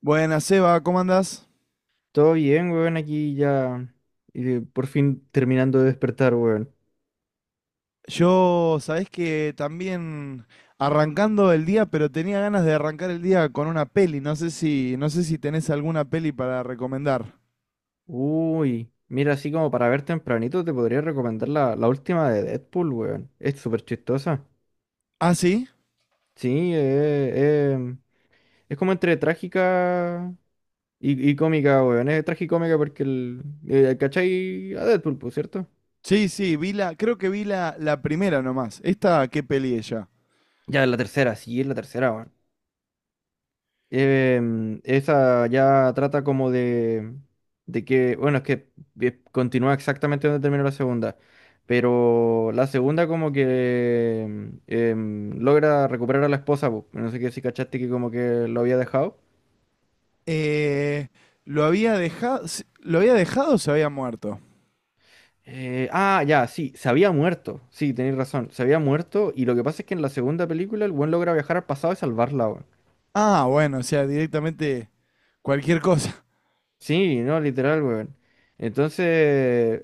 Buenas, Seba, ¿cómo andás? Todo bien, weón, aquí ya por fin terminando de despertar, weón. Yo, sabés que también arrancando el día, pero tenía ganas de arrancar el día con una peli. No sé si tenés alguna peli para recomendar. Uy, mira, así como para ver tempranito te podría recomendar la última de Deadpool, weón. Es súper chistosa. ¿Ah, sí? Sí, eh, mm, es como entre trágica y cómica, weón. Es tragicómica porque ¿cachai? A Deadpool, pues, ¿cierto? Sí, sí, creo que vi la primera nomás. ¿Esta qué peli ella? Ya, es la tercera, sí, es la tercera, weón. Em, esa ya trata como de que, bueno, es que continúa exactamente donde terminó la segunda, pero la segunda como que logra recuperar a la esposa, po. No sé qué si cachaste que como que lo había dejado. Eh, ¿Lo había dejado, lo había dejado o se había muerto? Ya, sí, se había muerto, sí, tenéis razón, se había muerto y lo que pasa es que en la segunda película el buen logra viajar al pasado y salvarla, weón. Ah, bueno, o sea, directamente cualquier cosa. Sí, no, literal, weón. Entonces,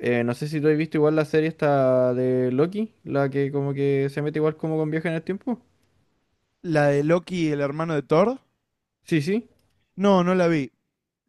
eh, no sé si tú has visto igual la serie esta de Loki, la que como que se mete igual como con viaje en el tiempo. ¿La de Loki, el hermano de Thor? Sí, sí. No, no la vi.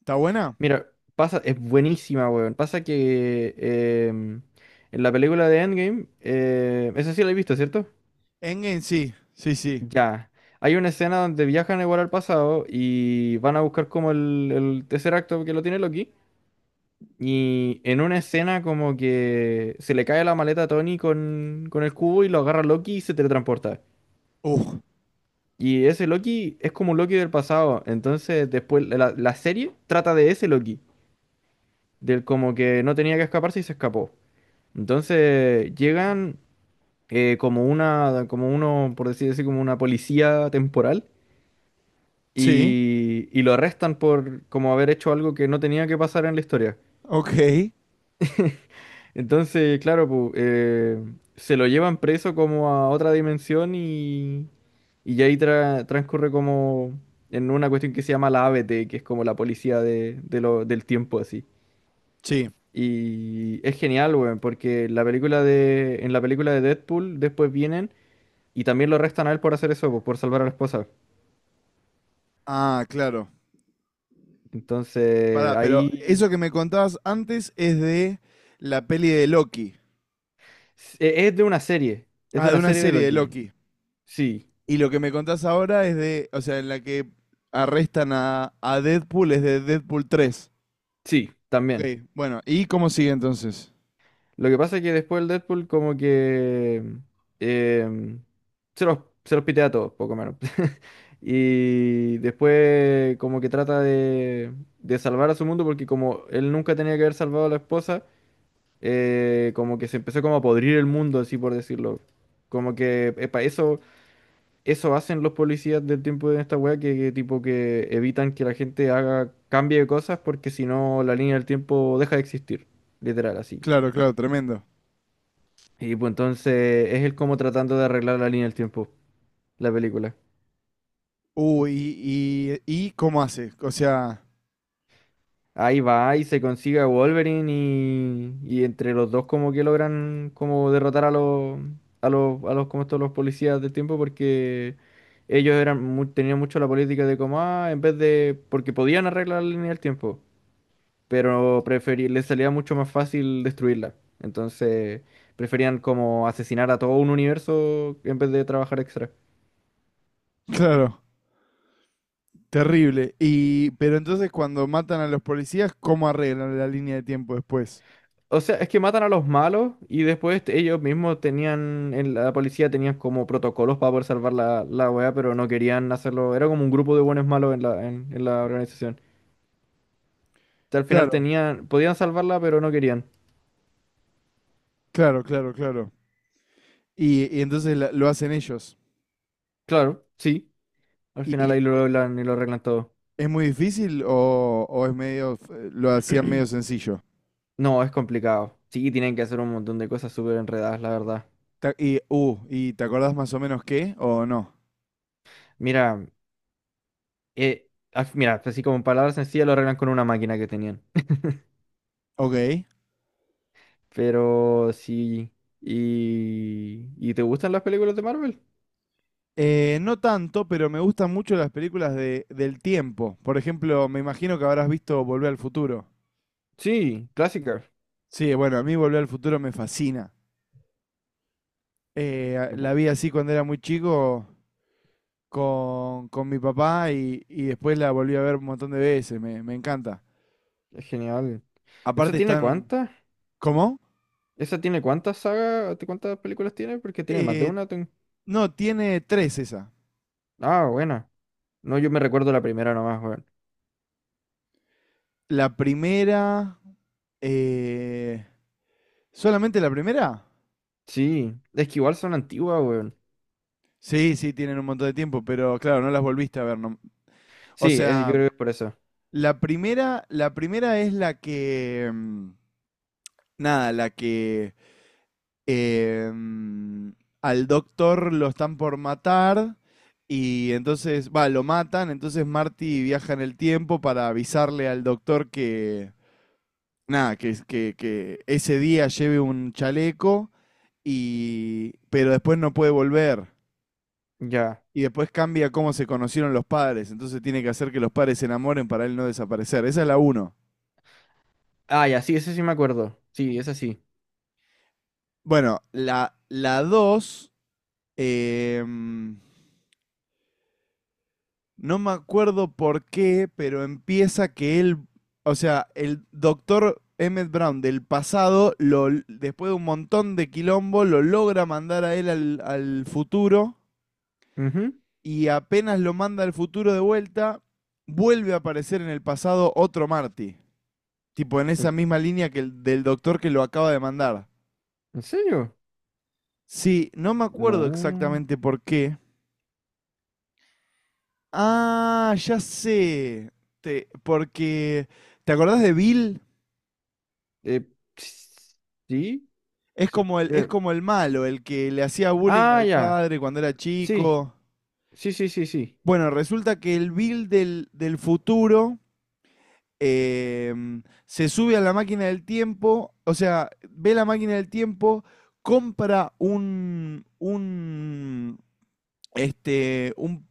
¿Está buena? Mira, pasa, es buenísima, weón. Pasa que em, en la película de Endgame, esa sí la he visto, ¿cierto? Endgame sí, sí, sí. Ya. Hay una escena donde viajan igual al pasado y van a buscar como el tercer acto que lo tiene Loki. Y en una escena como que se le cae la maleta a Tony con el cubo y lo agarra Loki y se teletransporta. Uf. Y ese Loki es como un Loki del pasado. Entonces después la serie trata de ese Loki. Del como que no tenía que escaparse y se escapó. Entonces llegan como una, como uno, por decir así, como una policía temporal. Sí. Y lo arrestan por como haber hecho algo que no tenía que pasar en la historia. Ok. Entonces, claro, pu, se lo llevan preso como a otra dimensión y ya ahí transcurre como en una cuestión que se llama la ABT, que es como la policía de del tiempo así. Sí. Y es genial, weón, porque en la película de Deadpool después vienen y también lo arrestan a él por hacer eso, pu, por salvar a la esposa. Ah, claro. Entonces, Pará, pero ahí... eso que me contabas antes es de la peli de Loki. Es de una serie, es Ah, de de una una serie de serie de Loki. Loki. Sí, Y lo que me contás ahora es de, o sea, en la que arrestan a Deadpool es de Deadpool 3. sí, Ok, también. bueno, ¿y cómo sigue entonces? Lo que pasa es que después el Deadpool como que em, se los, se los pitea a todos, poco menos. Y después como que trata de salvar a su mundo porque como él nunca tenía que haber salvado a la esposa, como que se empezó como a podrir el mundo, así por decirlo. Como que epa, eso hacen los policías del tiempo de esta wea, que tipo que evitan que la gente haga, cambie de cosas porque si no la línea del tiempo deja de existir, literal así. Claro, claro, tremendo. Y pues entonces es él como tratando de arreglar la línea del tiempo, la película. Uy, y ¿cómo hace? O sea, Ahí va y se consigue a Wolverine y entre los dos como que logran como derrotar a los a los como estos los policías del tiempo porque ellos eran tenían mucho la política de como ah, en vez de porque podían arreglar la línea del tiempo, pero preferí, les salía mucho más fácil destruirla. Entonces preferían como asesinar a todo un universo en vez de trabajar extra. claro, terrible. Y, pero entonces cuando matan a los policías, ¿cómo arreglan la línea de tiempo después? O sea, es que matan a los malos y después ellos mismos tenían, en la policía tenían como protocolos para poder salvar la weá, pero no querían hacerlo. Era como un grupo de buenos malos en en la organización. O sea, al final Claro. tenían, podían salvarla, pero no querían. Claro, claro, claro. Y, entonces lo hacen ellos. Claro, sí. Al final ¿Y ahí lo hablan y lo arreglan todo. es muy difícil o es medio, lo hacían medio sencillo? No, es complicado. Sí, tienen que hacer un montón de cosas súper enredadas, la verdad. ¿Y te acordás más o menos qué o no? Mira, mira, así como en palabras sencillas lo arreglan con una máquina que tenían. Ok. Pero sí. ¿Y te gustan las películas de Marvel? No tanto, pero me gustan mucho las películas de, del tiempo. Por ejemplo, me imagino que habrás visto Volver al Futuro. Sí, clásica. Sí, bueno, a mí Volver al Futuro me fascina. Y pu- La vi así cuando era muy chico con mi papá y después la volví a ver un montón de veces. Me encanta. Es genial. ¿Esa Aparte tiene están... cuántas? ¿Cómo? ¿Esa tiene cuántas sagas? ¿Cuántas películas tiene? Porque tiene más de Eh, una. No, tiene tres esa. Ah, buena. No, yo me recuerdo la primera nomás, weón. La primera... eh, ¿solamente la primera? Sí, es que igual son antiguas, weón. Sí, sí, tienen un montón de tiempo, pero claro, no las volviste a ver. O Sí, yo sea, creo que es por eso. la primera es la que... nada, la que... eh, mm, al doctor lo están por matar y entonces, va, lo matan, entonces Marty viaja en el tiempo para avisarle al doctor que, nada, que ese día lleve un chaleco y. Pero después no puede volver. Ya. Y después cambia cómo se conocieron los padres. Entonces tiene que hacer que los padres se enamoren para él no desaparecer. Esa es la uno. Ah, ya, sí, ese sí me acuerdo. Sí, esa sí. Bueno, la dos. em, no me acuerdo por qué, pero empieza que él. O sea, el doctor Emmett Brown del pasado, lo, después de un montón de quilombo, lo logra mandar a él al, al futuro Ujú. y apenas lo manda al futuro de vuelta, vuelve a aparecer en el pasado otro Marty. Tipo en ¿En, esa misma línea que el del doctor que lo acaba de mandar. en serio? Sí, no me acuerdo No. exactamente por qué. Ah, ya sé. Porque. ¿Te acordás de Bill? Eh, ps- sí. Es Sí. como el, es como el malo, el que le hacía bullying Ah, al ya. padre cuando era Sí. chico. Sí, sí, sí, sí. Bueno, resulta que el Bill del, del futuro se sube a la máquina del tiempo, o sea, ve la máquina del tiempo, compra un, este, un,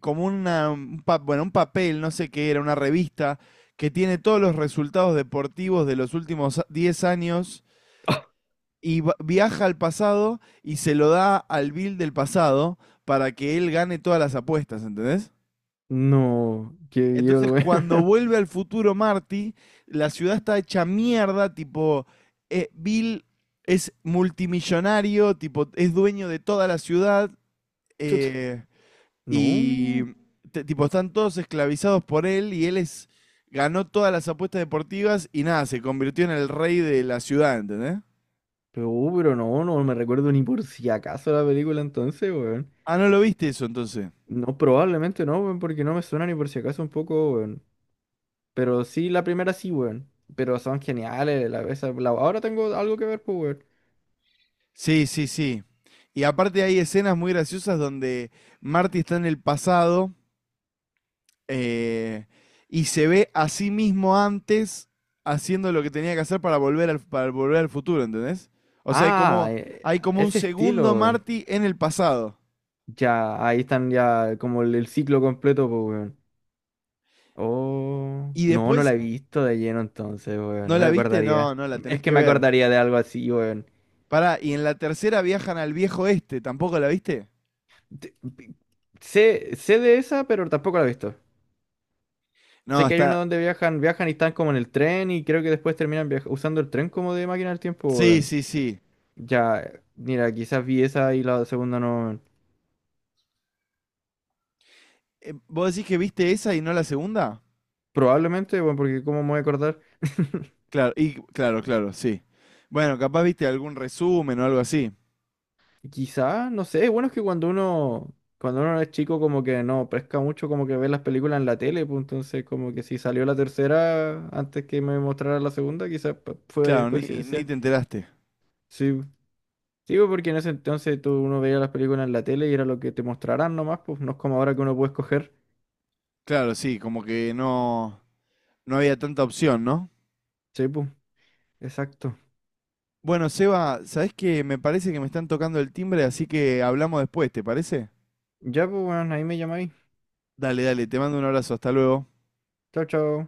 como una, bueno, un papel, no sé qué era, una revista que tiene todos los resultados deportivos de los últimos 10 años y viaja al pasado y se lo da al Bill del pasado para que él gane todas las apuestas, ¿entendés? No, qué viol, Entonces, cuando weón. vuelve al futuro Marty, la ciudad está hecha mierda, tipo, Bill es multimillonario, tipo, es dueño de toda la ciudad, Chuta, eh, y no, tipo, están todos esclavizados por él, y él es, ganó todas las apuestas deportivas y nada, se convirtió en el rey de la ciudad, ¿entendés? Pero no, no me recuerdo ni por si acaso la película entonces, weón. Ah, ¿no lo viste eso entonces? No, probablemente no, weón, porque no me suena ni por si acaso un poco, weón. Pero sí, la primera sí, weón. Pero son geniales, ahora tengo algo que ver, pues, weón. Sí, sí, sí. Y aparte hay escenas muy graciosas donde Marty está en el pasado. Eh, y se ve a sí mismo antes haciendo lo que tenía que hacer para para volver al futuro, ¿entendés? O sea, Ah, eh, hay como un ese segundo estilo, weón. Marty en el pasado. Ya, ahí están ya como el ciclo completo, pues, weón. Oh, Y no, no después, la he visto de lleno entonces, weón. ¿no Me la viste? No, recordaría. no la Es tenés que que me ver. acordaría de algo así, weón. Pará, y en la tercera viajan al viejo este, ¿tampoco la viste? te- pi- Sé, sé de esa, pero tampoco la he visto. No, Sé que hay una está. donde viajan y están como en el tren y creo que después terminan usando el tren como de máquina del tiempo, Sí, weón. sí, sí. Ya, mira, quizás vi esa y la segunda no, weón. ¿Vos decís que viste esa y no la segunda? Probablemente, bueno, porque cómo me voy a acordar. Claro, y claro, claro, sí. Bueno, capaz viste algún resumen o algo así. Quizás, no sé, bueno, es bueno que cuando uno es chico como que no pesca mucho, como que ve las películas en la tele, pues entonces como que si salió la tercera antes que me mostrara la segunda, fue Claro, ni, ni coincidencia. te enteraste. Sí, sí, pues, porque en ese entonces tú uno veía las películas en la tele y era lo que te mostrarán nomás, pues no es como ahora que uno puede escoger. Claro, sí, como que no, no había tanta opción, ¿no? Sí, pues, exacto. Bueno, Seba, ¿sabés qué? Me parece que me están tocando el timbre, así que hablamos después, ¿te parece? Ya, pues, bueno, ahí me llamáis. Dale, dale, te mando un abrazo, hasta luego. Chao, chao.